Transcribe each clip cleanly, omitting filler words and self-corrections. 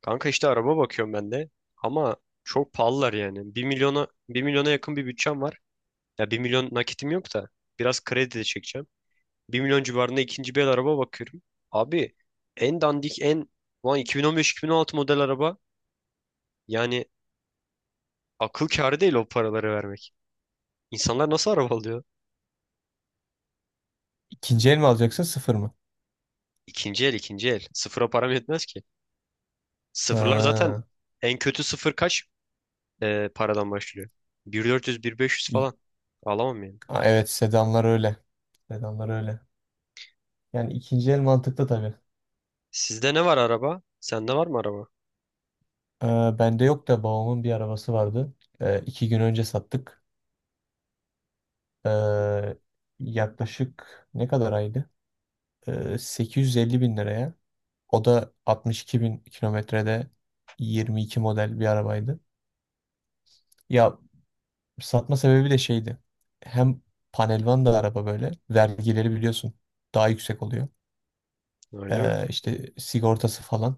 Kanka, işte araba bakıyorum ben de. Ama çok pahalılar yani. Bir milyona yakın bir bütçem var. Ya, bir milyon nakitim yok da biraz kredi de çekeceğim. Bir milyon civarında ikinci bir el araba bakıyorum. Abi, en dandik en lan 2015-2016 model araba, yani akıl kârı değil o paraları vermek. İnsanlar nasıl araba alıyor? İkinci el mi alacaksın sıfır mı? İkinci el, ikinci el. Sıfıra param yetmez ki. Sıfırlar zaten, Ha. en kötü sıfır kaç paradan başlıyor? Bin dört yüz, bin beş yüz İ- falan. Alamam ya. Aa, evet sedanlar öyle. Sedanlar öyle. Yani ikinci el mantıklı tabii. Sizde ne var araba? Sende var mı araba? Ee, Bende yok da babamın bir arabası vardı. İki gün önce sattık. Ee, Yaklaşık ne kadar aydı? 850 bin liraya. O da 62 bin kilometrede 22 model bir arabaydı. Ya satma sebebi de şeydi. Hem panelvan da araba böyle. Vergileri biliyorsun daha yüksek oluyor. Öyle mi? İşte sigortası falan.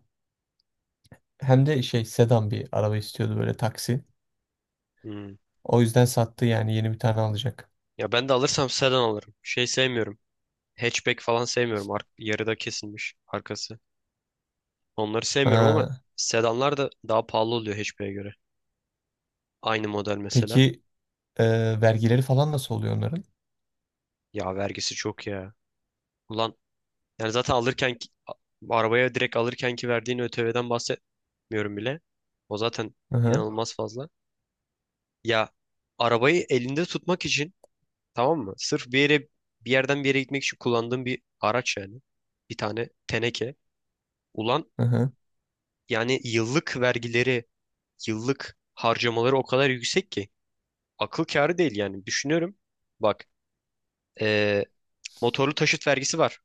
Hem de şey sedan bir araba istiyordu böyle taksi. Hmm. O yüzden sattı yani yeni bir tane alacak. Ya, ben de alırsam sedan alırım. Şey sevmiyorum. Hatchback falan sevmiyorum. Ar yarıda kesilmiş arkası. Onları sevmiyorum ama Ha. sedanlar da daha pahalı oluyor hatchback'e göre. Aynı model mesela. Peki, vergileri falan nasıl oluyor onların? Ya, vergisi çok ya. Ulan, yani zaten arabaya direkt alırken ki verdiğin ÖTV'den bahsetmiyorum bile. O zaten Hı hı. inanılmaz fazla. Ya, arabayı elinde tutmak için, tamam mı? Sırf bir yerden bir yere gitmek için kullandığım bir araç yani. Bir tane teneke. Ulan, Hı hı. yani yıllık vergileri, yıllık harcamaları o kadar yüksek ki akıl kârı değil yani. Düşünüyorum. Bak, eee, motorlu taşıt vergisi var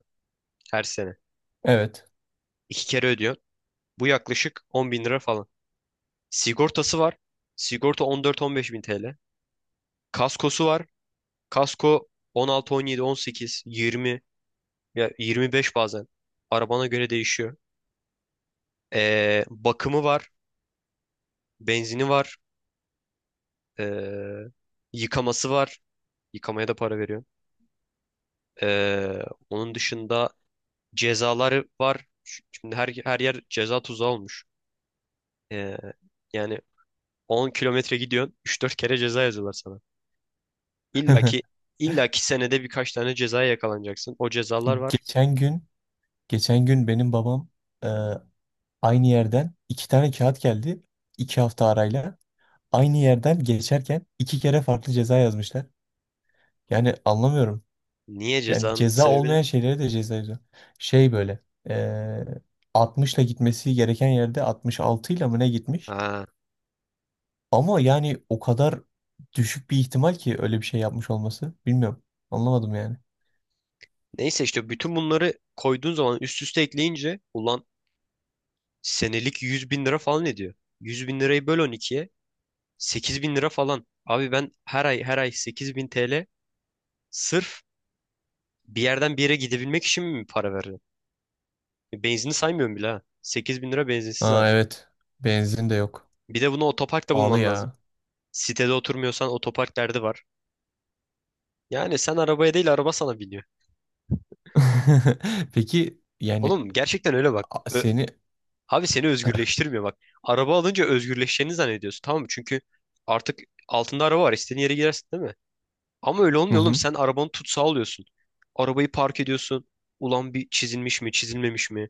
her sene. Evet. İki kere ödüyor. Bu yaklaşık 10 bin lira falan. Sigortası var. Sigorta 14-15 bin TL. Kaskosu var. Kasko 16, 17, 18, 20, ya 25 bazen. Arabana göre değişiyor. Bakımı var, benzini var, ee, yıkaması var. Yıkamaya da para veriyorum. Ee, onun dışında cezaları var. Şimdi her yer ceza tuzağı olmuş. Ee, yani 10 kilometre gidiyorsun, üç dört kere ceza yazıyorlar sana. İlla ki, illa ki senede birkaç tane cezaya yakalanacaksın. O cezalar var. Geçen gün geçen gün benim babam, e, aynı yerden iki tane kağıt geldi, iki hafta arayla. Aynı yerden geçerken iki kere farklı ceza yazmışlar. Yani anlamıyorum. Niye, Yani cezanın ceza sebebi ne? olmayan şeylere de ceza yazıyor. Şey böyle eee 60'la gitmesi gereken yerde 66 ile mı ne gitmiş? Ha, Ama yani o kadar düşük bir ihtimal ki öyle bir şey yapmış olması. Bilmiyorum. Anlamadım yani. neyse, işte bütün bunları koyduğun zaman üst üste ekleyince, ulan senelik 100 bin lira falan ediyor. 100 bin lirayı böl on ikiye. 8 bin lira falan. Abi, ben her ay her ay 8 bin TL sırf bir yerden bir yere gidebilmek için mi para verdim? Benzini saymıyorum bile ha. 8 bin lira benzinsiz Aa, hali. evet. Benzin de yok. Bir de bunu otoparkta Pahalı bulman lazım. ya. Sitede oturmuyorsan otopark derdi var. Yani sen arabaya değil, araba sana biniyor. Peki yani, Oğlum, gerçekten öyle bak. a- seni Abi, seni özgürleştirmiyor bak. Araba alınca özgürleşeceğini zannediyorsun, tamam mı? Çünkü artık altında araba var. İstediğin yere girersin, değil mi? Ama öyle Hı olmuyor oğlum. hı. Sen arabanı tutsağı alıyorsun. Arabayı park ediyorsun. Ulan, bir çizilmiş mi, çizilmemiş mi?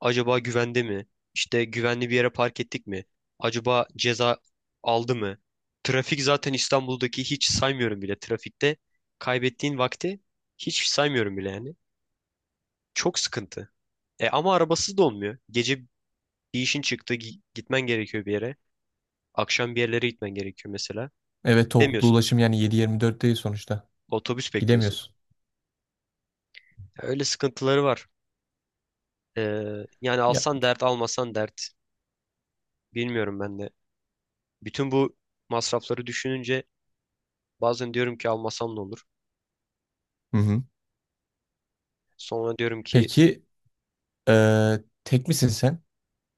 Acaba güvende mi? İşte güvenli bir yere park ettik mi? Acaba ceza aldı mı? Trafik zaten, İstanbul'daki hiç saymıyorum bile. Trafikte kaybettiğin vakti hiç saymıyorum bile yani. Çok sıkıntı. E ama arabasız da olmuyor. Gece bir işin çıktı, gitmen gerekiyor bir yere. Akşam bir yerlere gitmen gerekiyor mesela. Evet, toplu Demiyorsun, ulaşım yani 7-24 değil sonuçta. otobüs bekliyorsun. Gidemiyorsun. Ya, öyle sıkıntıları var. Ee, yani Ya. alsan dert, almasan dert. Bilmiyorum ben de. Bütün bu masrafları düşününce bazen diyorum ki, almasam ne olur. Hı hı. Sonra diyorum ki, Peki, Ee, tek misin sen?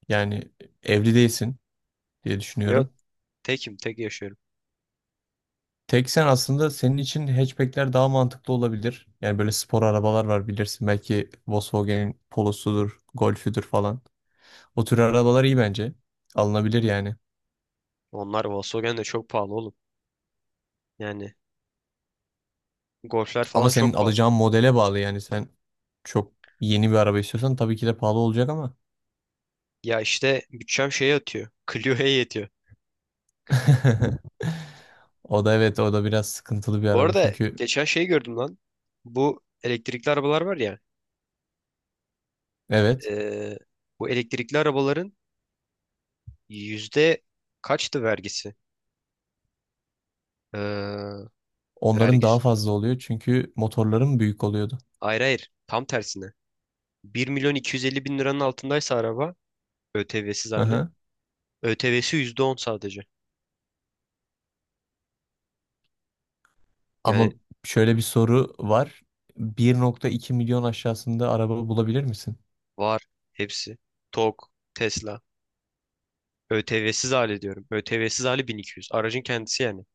Yani evli değilsin diye ya düşünüyorum. tekim, tek yaşıyorum. Tek sen, aslında senin için hatchbackler daha mantıklı olabilir. Yani böyle spor arabalar var, bilirsin. Belki Volkswagen'in Polo'sudur, Golf'üdür falan. O tür arabalar iyi bence. Alınabilir yani. Onlar, Volkswagen de çok pahalı oğlum. Yani Golf'ler Ama falan senin çok pahalı. alacağın modele bağlı yani. Sen çok yeni bir araba istiyorsan tabii ki de pahalı olacak ama. Ya işte, bütçem şeye yatıyor. Clio'ya yetiyor. O da evet, o da biraz sıkıntılı bir Bu araba arada çünkü geçen şey gördüm lan. Bu elektrikli arabalar var ya. evet, ee, bu elektrikli arabaların yüzde kaçtı vergisi? Ee, onların vergisi. daha fazla oluyor çünkü motorların büyük oluyordu. Hayır, hayır. Tam tersine. Bir milyon 250 bin liranın altındaysa araba ÖTV'siz hali. ÖTV'si %10 sadece. Ama Yani şöyle bir soru var. Bir nokta iki milyon aşağısında araba bulabilir misin? var, hepsi. TOG, Tesla. ÖTV'siz hali diyorum. ÖTV'siz hali bin iki yüz, aracın kendisi yani.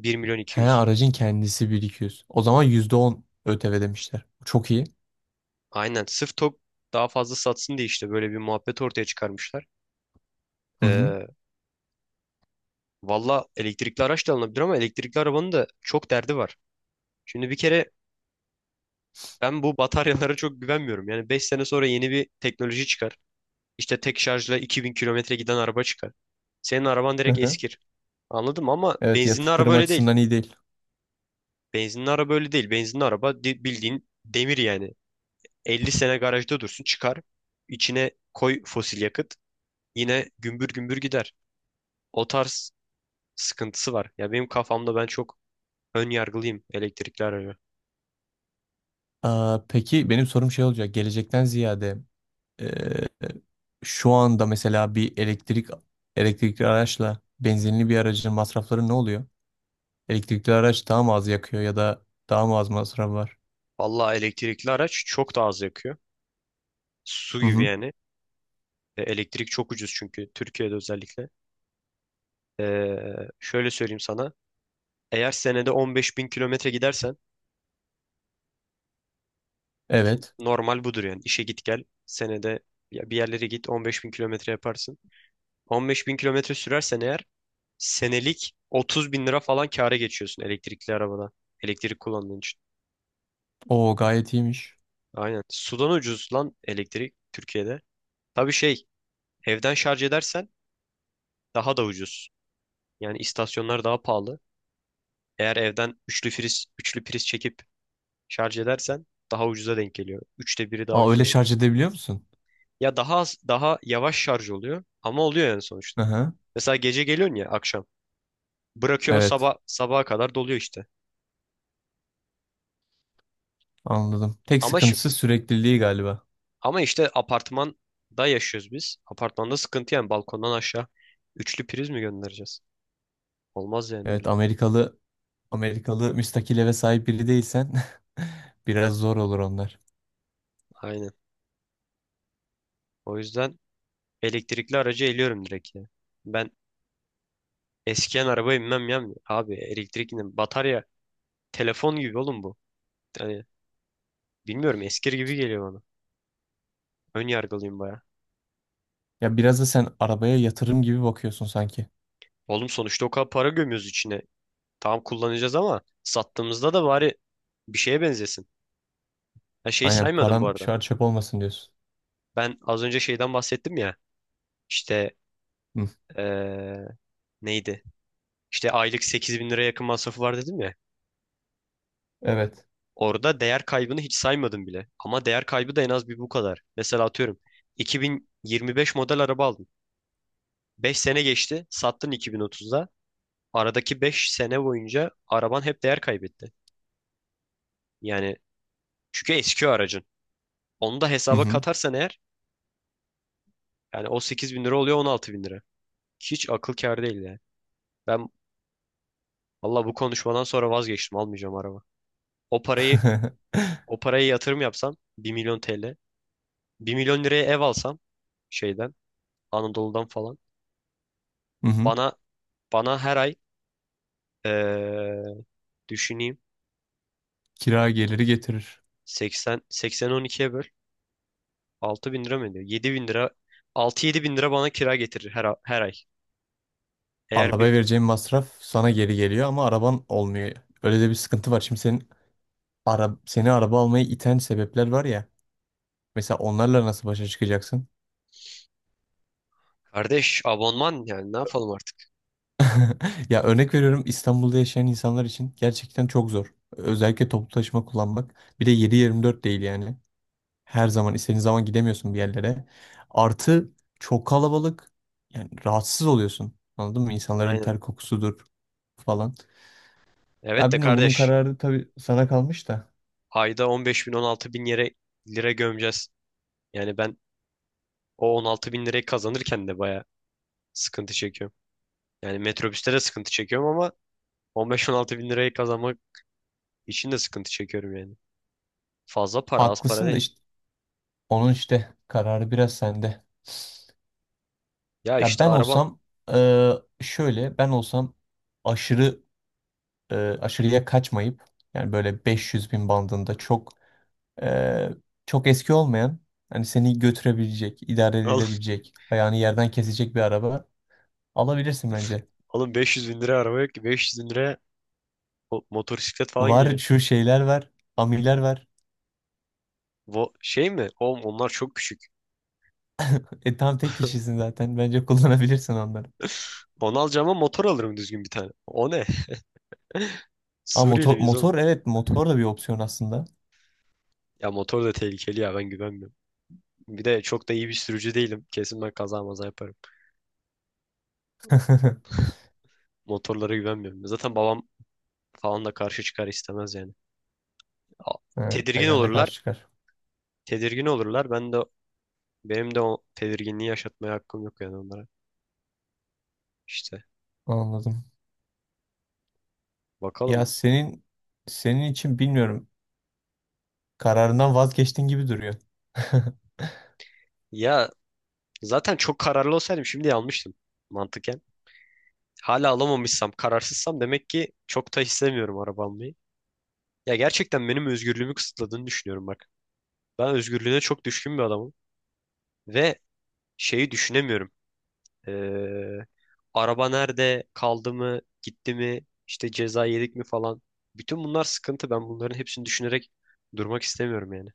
Bir milyon iki He yüz. aracın kendisi 1.200. O zaman %10 ÖTV demişler. Çok iyi. Aynen. Sırf TOG daha fazla satsın diye, işte böyle bir muhabbet ortaya çıkarmışlar. Hı hı. Ee, valla elektrikli araç da alınabilir ama elektrikli arabanın da çok derdi var. Şimdi bir kere, ben bu bataryalara çok güvenmiyorum. Yani 5 sene sonra yeni bir teknoloji çıkar. İşte tek şarjla 2 bin kilometre giden araba çıkar. Senin araban Hı direkt hı. eskir. Anladım ama Evet, benzinli araba yatırım öyle değil. açısından iyi değil. Benzinli araba öyle değil. Benzinli araba bildiğin demir yani. 50 sene garajda dursun çıkar. İçine koy fosil yakıt. Yine gümbür gümbür gider. O tarz sıkıntısı var. Ya, benim kafamda ben çok ön yargılıyım elektrikli araca. Aa, peki benim sorum şey olacak. Gelecekten ziyade, e, şu anda mesela bir elektrikli araçla benzinli bir aracın masrafları ne oluyor? Elektrikli araç daha mı az yakıyor ya da daha mı az masraf var? Vallahi elektrikli araç çok daha az yakıyor. Su Hı gibi hı. yani. E, elektrik çok ucuz çünkü Türkiye'de özellikle. Ee, şöyle söyleyeyim sana. Eğer senede 15 bin kilometre gidersen, Evet. normal budur yani. İşe git gel, senede ya bir yerlere git, 15 bin kilometre yaparsın. 15 bin kilometre sürersen eğer, senelik 30 bin lira falan kâra geçiyorsun elektrikli arabada. Elektrik kullandığın için. O gayet iyiymiş. Aynen. Sudan ucuz lan elektrik Türkiye'de. Tabii, şey, evden şarj edersen daha da ucuz. Yani istasyonlar daha pahalı. Eğer evden üçlü priz çekip şarj edersen daha ucuza denk geliyor. Üçte biri daha Aa, ucuza öyle denk. şarj edebiliyor musun? Ya daha az, daha yavaş şarj oluyor ama oluyor yani Hı sonuçta. hı. Mesela gece geliyorsun, ya akşam. Bırakıyorsun, Evet, sabah sabaha kadar doluyor işte. anladım. Tek Ama şi- sıkıntısı sürekliliği galiba. Ama işte apartmanda yaşıyoruz biz. Apartmanda sıkıntı yani, balkondan aşağı üçlü priz mi göndereceğiz? Olmaz yani Evet, öyle. Amerikalı müstakil eve sahip biri değilsen biraz zor olur onlar. Aynen. O yüzden elektrikli aracı eliyorum direkt ya. Ben eskiyen arabaya binmem ya. Abi, elektrikli batarya telefon gibi oğlum bu. Yani bilmiyorum, eskir gibi geliyor bana. Ön yargılıyım baya. Ya, biraz da sen arabaya yatırım gibi bakıyorsun sanki. Oğlum, sonuçta o kadar para gömüyoruz içine. Tamam, kullanacağız ama sattığımızda da bari bir şeye benzesin. Ha, şeyi Aynen, saymadım bu param arada. şu an çöp olmasın diyorsun. Ben az önce şeyden bahsettim ya. İşte Hı. eee, neydi? İşte aylık 8 bin liraya yakın masrafı var dedim ya. Evet. Orada değer kaybını hiç saymadım bile. Ama değer kaybı da en az bir bu kadar. Mesela atıyorum, 2025 model araba aldın. 5 sene geçti, sattın 2030'da. Aradaki 5 sene boyunca araban hep değer kaybetti. Yani, çünkü eski o aracın. Onu da Hı hesaba hı. katarsan eğer, yani o 8 bin lira oluyor 16 bin lira. Hiç akıl kâr değil ya. Ben valla bu konuşmadan sonra vazgeçtim. Almayacağım araba. O parayı o parayı yatırım yapsam, bir milyon TL. Bir milyon liraya ev alsam şeyden, Anadolu'dan falan. Hı hı. Bana bana her ay eee, düşüneyim. Kira geliri getirir. 80 12'ye böl. 6 bin lira mı ediyor? 7 bin lira, 6-7 bin lira bana kira getirir her ay. Eğer Arabaya bir, vereceğin masraf sana geri geliyor ama araban olmuyor. Öyle de bir sıkıntı var. Şimdi senin, seni araba almaya iten sebepler var ya. Mesela onlarla nasıl başa çıkacaksın? kardeş, abonman yani ne yapalım artık? Ya örnek veriyorum, İstanbul'da yaşayan insanlar için gerçekten çok zor. Özellikle toplu taşıma kullanmak. Bir de 7-24 değil yani. Her zaman istediğin zaman gidemiyorsun bir yerlere. Artı çok kalabalık. Yani rahatsız oluyorsun. Anladın mı? İnsanların Aynen. ter kokusudur falan. Evet Ya de bilmiyorum, bunun kardeş, kararı tabii sana kalmış da. ayda 15 bin 16 bin yere lira gömeceğiz. Yani ben, o 16 bin lirayı kazanırken de baya sıkıntı çekiyorum. Yani metrobüste de sıkıntı çekiyorum ama 15-16 bin lirayı kazanmak için de sıkıntı çekiyorum yani. Fazla para, az para Haklısın da değil. işte, onun işte kararı biraz sende. Ya Ya işte, ben araba olsam şöyle ben olsam, aşırı, e, aşırıya kaçmayıp, yani böyle 500 bin bandında, e, çok eski olmayan, hani seni götürebilecek, idare alın, edilebilecek, ayağını yerden kesecek bir araba alabilirsin bence. alın, 500 bin liraya araba yok ki, 500 bin liraya o motosiklet falan Var geliyor. şu şeyler var, amiler var. Bu şey mi? Oğlum onlar çok küçük. E tam tek kişisin zaten. Bence kullanabilirsin onları. Onu alacağıma motor alırım düzgün bir tane. O ne? Ama Suriyeli motor, miyiz oğlum? motor evet, motor da bir opsiyon aslında. Ya motor da tehlikeli ya, ben güvenmiyorum. Bir de çok da iyi bir sürücü değilim. Kesin ben kaza maza yaparım. Motorlara güvenmiyorum. Zaten babam falan da karşı çıkar, istemez yani. A- Ha, Tedirgin aynen de olurlar. karşı çıkar. Tedirgin olurlar. Ben de, benim de o tedirginliği yaşatmaya hakkım yok yani onlara. İşte Anladım. Ya, bakalım. senin için bilmiyorum. Kararından vazgeçtin gibi duruyor. Ya, zaten çok kararlı olsaydım şimdi almıştım mantıken. Hala alamamışsam, kararsızsam demek ki çok da istemiyorum araba almayı. Ya, gerçekten benim özgürlüğümü kısıtladığını düşünüyorum bak. Ben özgürlüğüne çok düşkün bir adamım ve şeyi düşünemiyorum. Ee, araba nerede kaldı mı, gitti mi, işte ceza yedik mi falan. Bütün bunlar sıkıntı. Ben bunların hepsini düşünerek durmak istemiyorum yani.